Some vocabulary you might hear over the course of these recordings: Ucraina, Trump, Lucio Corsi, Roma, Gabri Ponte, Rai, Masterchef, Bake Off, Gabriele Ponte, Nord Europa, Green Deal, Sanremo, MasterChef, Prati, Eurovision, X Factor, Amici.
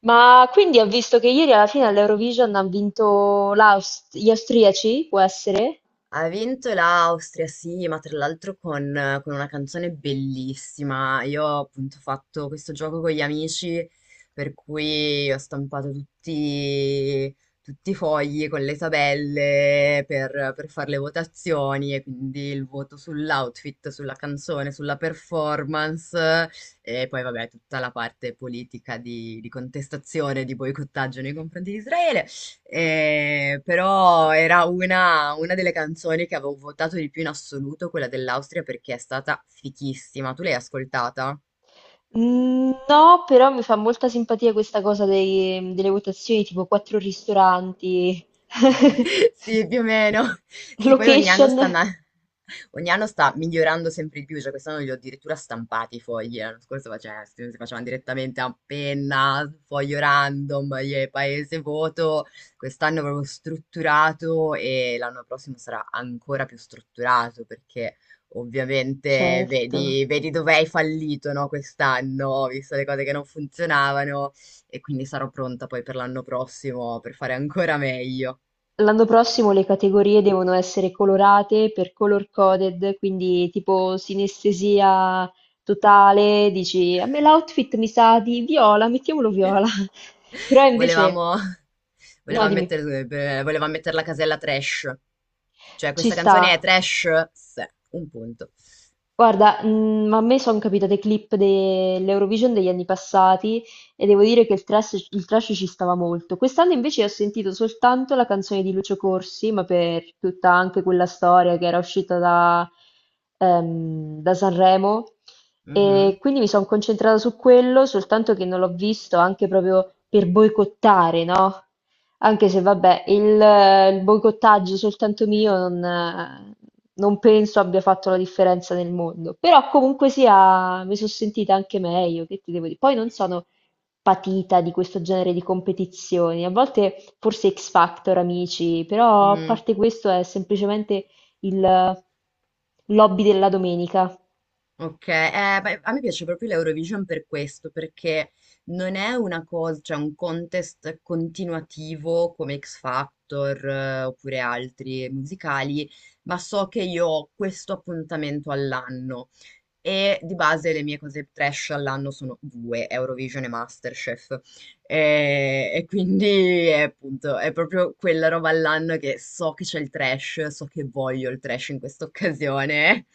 Ma quindi ho visto che ieri alla fine all'Eurovision hanno vinto gli austriaci, può essere? Ha vinto l'Austria, sì, ma tra l'altro con una canzone bellissima. Io ho appunto fatto questo gioco con gli amici, per cui ho stampato tutti i fogli con le tabelle per fare le votazioni e quindi il voto sull'outfit, sulla canzone, sulla performance e poi vabbè tutta la parte politica di contestazione, di boicottaggio nei confronti di Israele. Però era una delle canzoni che avevo votato di più in assoluto, quella dell'Austria, perché è stata fichissima. Tu l'hai ascoltata? No, però mi fa molta simpatia questa cosa delle votazioni, tipo quattro ristoranti, Sì, più o meno. Sì, poi location. Ogni anno sta migliorando sempre di più, cioè quest'anno li ho addirittura stampati i fogli, l'anno scorso si facevano direttamente a penna, foglio random, e paese voto. Quest'anno è proprio strutturato e l'anno prossimo sarà ancora più strutturato perché ovviamente Certo. vedi dove hai fallito, no, quest'anno, visto le cose che non funzionavano, e quindi sarò pronta poi per l'anno prossimo per fare ancora meglio. L'anno prossimo le categorie devono essere colorate per color coded, quindi tipo sinestesia totale, dici a me l'outfit mi sa di viola, mettiamolo viola. Però invece Volevamo, no, voleva dimmi. mettere, eh, voleva mettere la casella trash. Cioè, Ci questa canzone è sta. trash? Sì, un punto. Guarda, a me sono capitate clip dell'Eurovision degli anni passati e devo dire che il trash ci stava molto. Quest'anno invece ho sentito soltanto la canzone di Lucio Corsi, ma per tutta anche quella storia che era uscita da Sanremo. E Mhm. quindi mi sono concentrata su quello, soltanto che non l'ho visto anche proprio per boicottare, no? Anche se vabbè, il boicottaggio soltanto mio non penso abbia fatto la differenza nel mondo, però comunque sia mi sono sentita anche meglio, che ti devo dire. Poi non sono patita di questo genere di competizioni, a volte forse X Factor, amici, però a Mm, parte questo è semplicemente il lobby della domenica. ok, beh, a me piace proprio l'Eurovision per questo, perché non è una cosa, cioè un contest continuativo come X Factor, oppure altri musicali, ma so che io ho questo appuntamento all'anno. E di base le mie cose trash all'anno sono due, Eurovision e MasterChef. E quindi è, appunto, è proprio quella roba all'anno che so che c'è il trash, so che voglio il trash in questa occasione,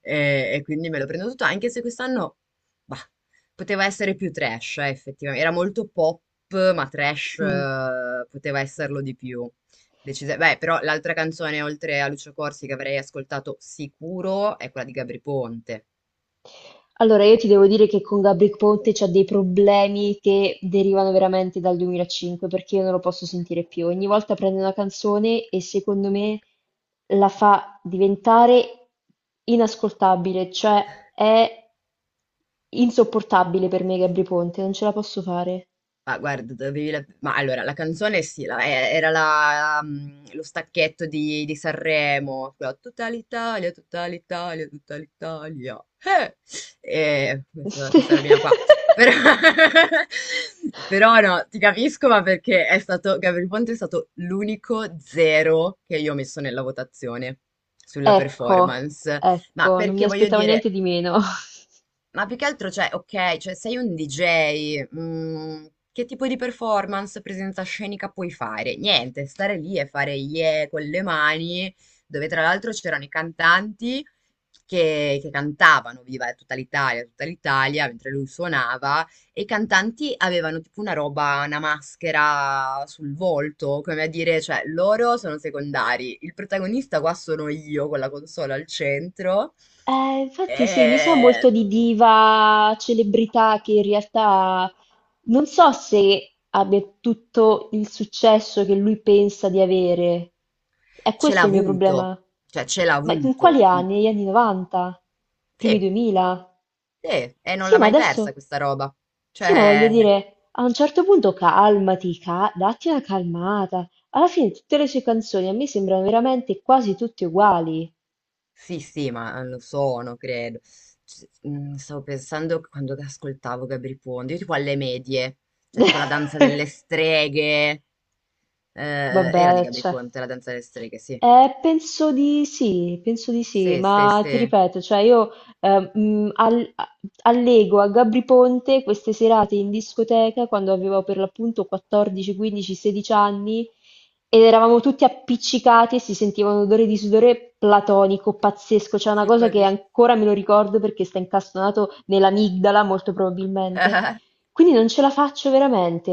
e quindi me lo prendo tutto, anche se quest'anno, bah, poteva essere più trash, effettivamente. Era molto pop, ma trash, Mm. Poteva esserlo di più. Beh, però l'altra canzone, oltre a Lucio Corsi, che avrei ascoltato sicuro, è quella di Gabri Ponte. Allora, io ti devo dire che con Gabri Ponte c'ho dei problemi che derivano veramente dal 2005, perché io non lo posso sentire più. Ogni volta prende una canzone e secondo me la fa diventare inascoltabile, cioè è insopportabile per me Gabri Ponte, non ce la posso fare. Ma guarda, dovevi la ma allora la canzone sì, la e era la mhmm, lo stacchetto di Sanremo, quella "Tutta l'Italia, tutta l'Italia, tutta l'Italia, eh!" Questa robina qua. Però però no, ti capisco, ma perché è stato Gabriele Ponte è stato l'unico 0 che io ho messo nella votazione sulla Ecco, performance. Ma ecco, non mi perché voglio aspettavo dire niente di meno. Ma più che altro, cioè, ok, cioè sei un DJ, che tipo di performance, presenza scenica puoi fare? Niente, stare lì e fare yeah con le mani, dove tra l'altro c'erano i cantanti che cantavano, viva tutta l'Italia, mentre lui suonava, e i cantanti avevano tipo una roba, una maschera sul volto, come a dire, cioè, loro sono secondari, il protagonista qua sono io con la console al centro. Infatti sì, mi sa molto E di diva, celebrità che in realtà non so se abbia tutto il successo che lui pensa di avere. È Ce l'ha questo il mio avuto, problema. cioè ce l'ha Ma in avuto. quali Mm, anni? Negli anni 90? Primi sì, 2000? sì, e non Sì, l'ha ma mai persa adesso... questa roba. Sì, ma voglio Cioè, dire, a un certo punto calmati, datti una calmata. Alla fine tutte le sue canzoni a me sembrano veramente quasi tutte uguali. sì, sì, ma lo sono, credo. Stavo pensando che quando ascoltavo Gabri Ponte, io tipo alle medie, cioè tipo la danza delle streghe. Era di Vabbè, Gabri cioè. Ponte, la danza delle streghe, sì. Penso di sì, Sì, sì, ma ti sì. ripeto, cioè eh, mh, al- a- allego a Gabri Ponte queste serate in discoteca quando avevo per l'appunto 14, 15, 16 anni ed eravamo tutti appiccicati e si sentiva un odore di sudore platonico, pazzesco, c'è una Tipo cosa che di... ancora me lo ricordo perché sta incastonato nell'amigdala molto probabilmente. Quindi non ce la faccio veramente.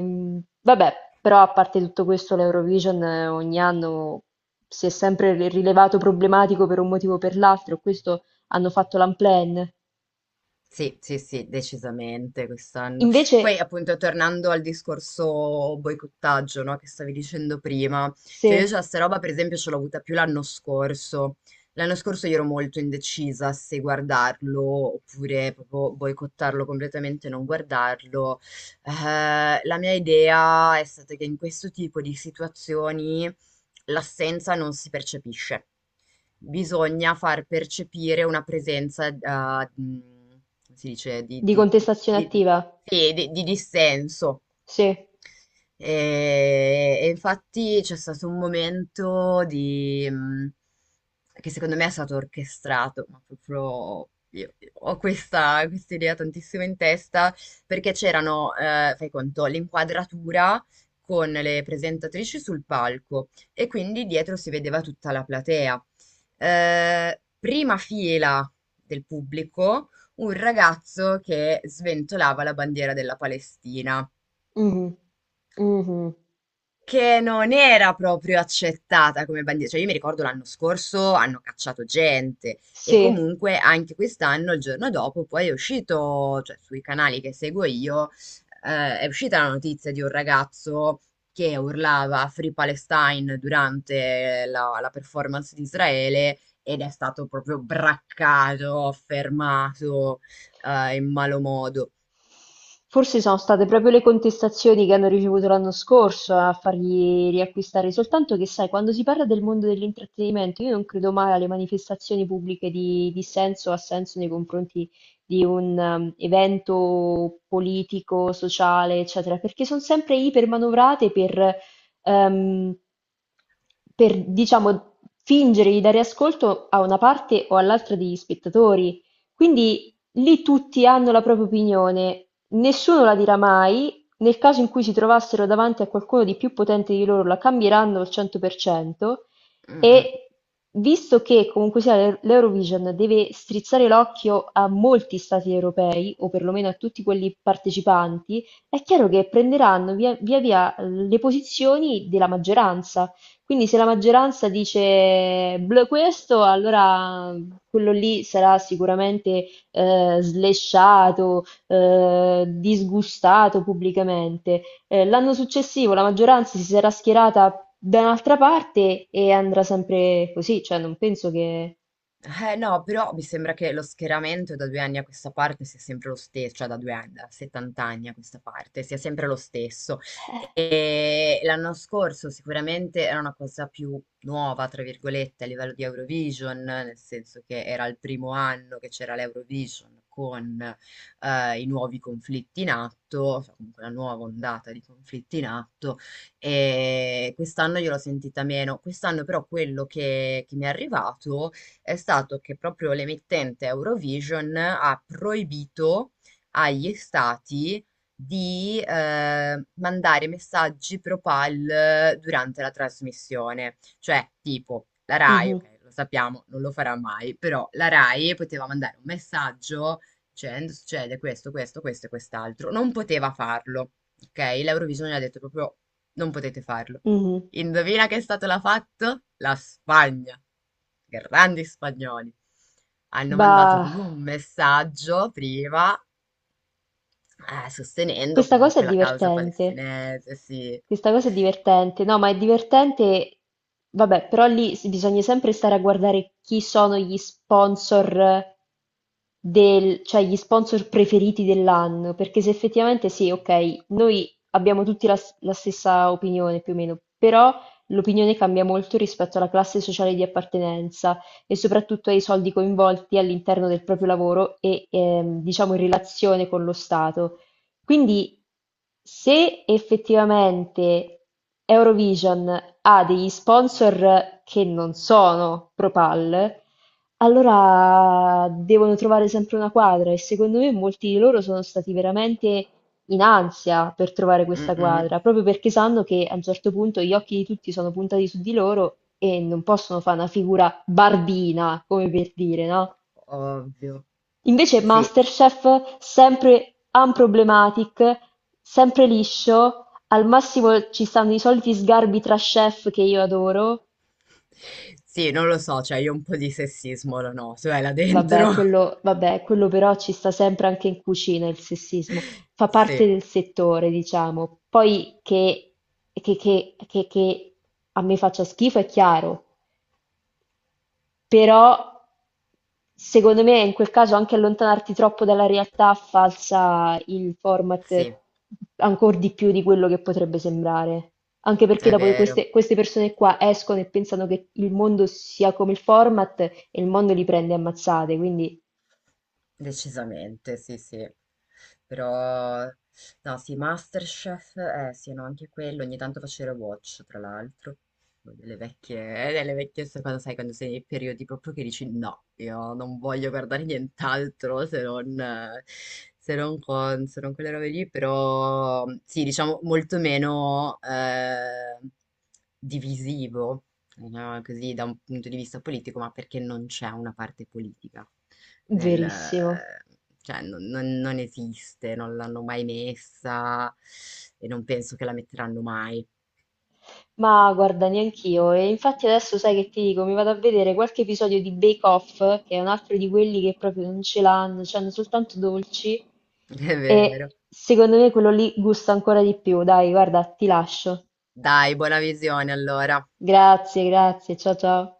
Mhmm, Vabbè, però a parte tutto questo l'Eurovision ogni anno si è sempre rilevato problematico per un motivo o per l'altro, questo hanno fatto l'unplanned. Sì, sì, sì, decisamente quest'anno. Invece Poi appunto tornando al discorso boicottaggio, no, che stavi dicendo prima, cioè io se, già sta roba per esempio ce l'ho avuta più l'anno scorso. L'anno scorso io ero molto indecisa se guardarlo oppure proprio boicottarlo completamente e non guardarlo. La mia idea è stata che in questo tipo di situazioni l'assenza non si percepisce, bisogna far percepire una presenza, come si dice, di contestazione di- attiva, sì, di dissenso, sì, e infatti c'è stato un momento che secondo me è stato orchestrato, ma proprio io ho questa idea tantissimo in testa, perché c'erano, fai conto, l'inquadratura con le presentatrici sul palco e quindi dietro si vedeva tutta la platea. Prima fila del pubblico, un ragazzo che sventolava la bandiera della Palestina, mh-mh, mh-mh, che non era proprio accettata come bandiera. Cioè, io mi ricordo l'anno scorso hanno cacciato gente, e sì. comunque anche quest'anno, il giorno dopo, poi è uscito, cioè sui canali che seguo io, è uscita la notizia di un ragazzo che urlava Free Palestine durante la performance di Israele, ed è stato proprio braccato, fermato, in malo modo. Forse sono state proprio le contestazioni che hanno ricevuto l'anno scorso a fargli riacquistare, soltanto che sai, quando si parla del mondo dell'intrattenimento, io non credo mai alle manifestazioni pubbliche di dissenso o assenso nei confronti di un evento politico, sociale, eccetera, perché sono sempre ipermanovrate ehm, per, diciamo, fingere di dare ascolto a una parte o all'altra degli spettatori. Quindi lì tutti hanno la propria opinione. Nessuno la dirà mai, nel caso in cui si trovassero davanti a qualcuno di più potente di loro la cambieranno al 100% Mm, mm. e visto che comunque sia l'Eurovision deve strizzare l'occhio a molti stati europei o perlomeno a tutti quelli partecipanti, è chiaro che prenderanno via le posizioni della maggioranza. Quindi se la maggioranza dice "Bleh, questo, allora quello lì sarà sicuramente slesciato, disgustato pubblicamente. L'anno successivo la maggioranza si sarà schierata da un'altra parte e andrà sempre così, cioè non penso che... Eh no, però mi sembra che lo schieramento da 2 anni a questa parte sia sempre lo stesso, cioè da 2 anni, da 70 anni a questa parte, sia sempre lo stesso. E l'anno scorso sicuramente era una cosa più nuova, tra virgolette, a livello di Eurovision, nel senso che era il primo anno che c'era l'Eurovision con i nuovi conflitti in atto, cioè comunque la nuova ondata di conflitti in atto, e quest'anno io l'ho sentita meno. Quest'anno però quello che mi è arrivato è stato che proprio l'emittente Eurovision ha proibito agli stati di mandare messaggi propal durante la trasmissione. Cioè, tipo, la Rai, Mhm, ok, lo sappiamo, non lo farà mai, però la Rai poteva mandare un messaggio dicendo: succede questo, questo, questo e quest'altro. Non poteva farlo, ok? L'Eurovision gli ha detto proprio non potete farlo. mhm. Indovina che la fatto? La Spagna. Grandi spagnoli. Hanno mandato Bah. proprio un messaggio prima, sostenendo Questa cosa comunque è la causa divertente. palestinese, sì. Questa cosa è divertente. No, ma è divertente. Vabbè, però lì bisogna sempre stare a guardare chi sono gli sponsor cioè gli sponsor preferiti dell'anno, perché se effettivamente sì, ok, noi abbiamo tutti la stessa opinione più o meno, però l'opinione cambia molto rispetto alla classe sociale di appartenenza e soprattutto ai soldi coinvolti all'interno del proprio lavoro e diciamo in relazione con lo Stato. Quindi se effettivamente Eurovision ha degli sponsor che non sono ProPal, allora devono trovare sempre una quadra e secondo me molti di loro sono stati veramente in ansia per trovare Mm, questa mm, quadra, proprio perché sanno che a un certo punto gli occhi di tutti sono puntati su di loro e non possono fare una figura barbina, come per dire, no? ovvio. Invece Sì, Masterchef, sempre "unproblematic", sempre liscio, al massimo ci stanno i soliti sgarbi tra chef che io adoro, sì, non lo so, cioè io un po' di sessismo lo noto, là dentro. Quello però ci sta sempre anche in cucina il sessismo, fa parte Sì, del settore diciamo, poi che a me faccia schifo è chiaro. Però secondo me in quel caso anche allontanarti troppo dalla realtà falsa il format sì, ancor di più di quello che potrebbe sembrare. Anche perché è dopo vero. Queste persone qua escono e pensano che il mondo sia come il format e il mondo li prende a mazzate, quindi Decisamente, sì, sì. Però, no, sì, MasterChef, eh sì, no, anche quello, ogni tanto facevo watch, tra l'altro, delle vecchie, quando sai, quando sei nei periodi proprio che dici no, io non voglio guardare nient'altro se non, se non con, se non quelle robe lì, però sì, diciamo molto meno, divisivo, no, così da un punto di vista politico, ma perché non c'è una parte politica nel, verissimo. cioè, non esiste, non l'hanno mai messa e non penso che la metteranno mai. Ma guarda, neanch'io. E infatti adesso sai che ti dico, mi vado a vedere qualche episodio di Bake Off, che è un altro di quelli che proprio non ce l'hanno, cioè hanno soltanto dolci. È vero. E secondo me quello lì gusta ancora di più. Dai, guarda, ti lascio. Dai, buona visione allora. Grazie, grazie. Ciao ciao.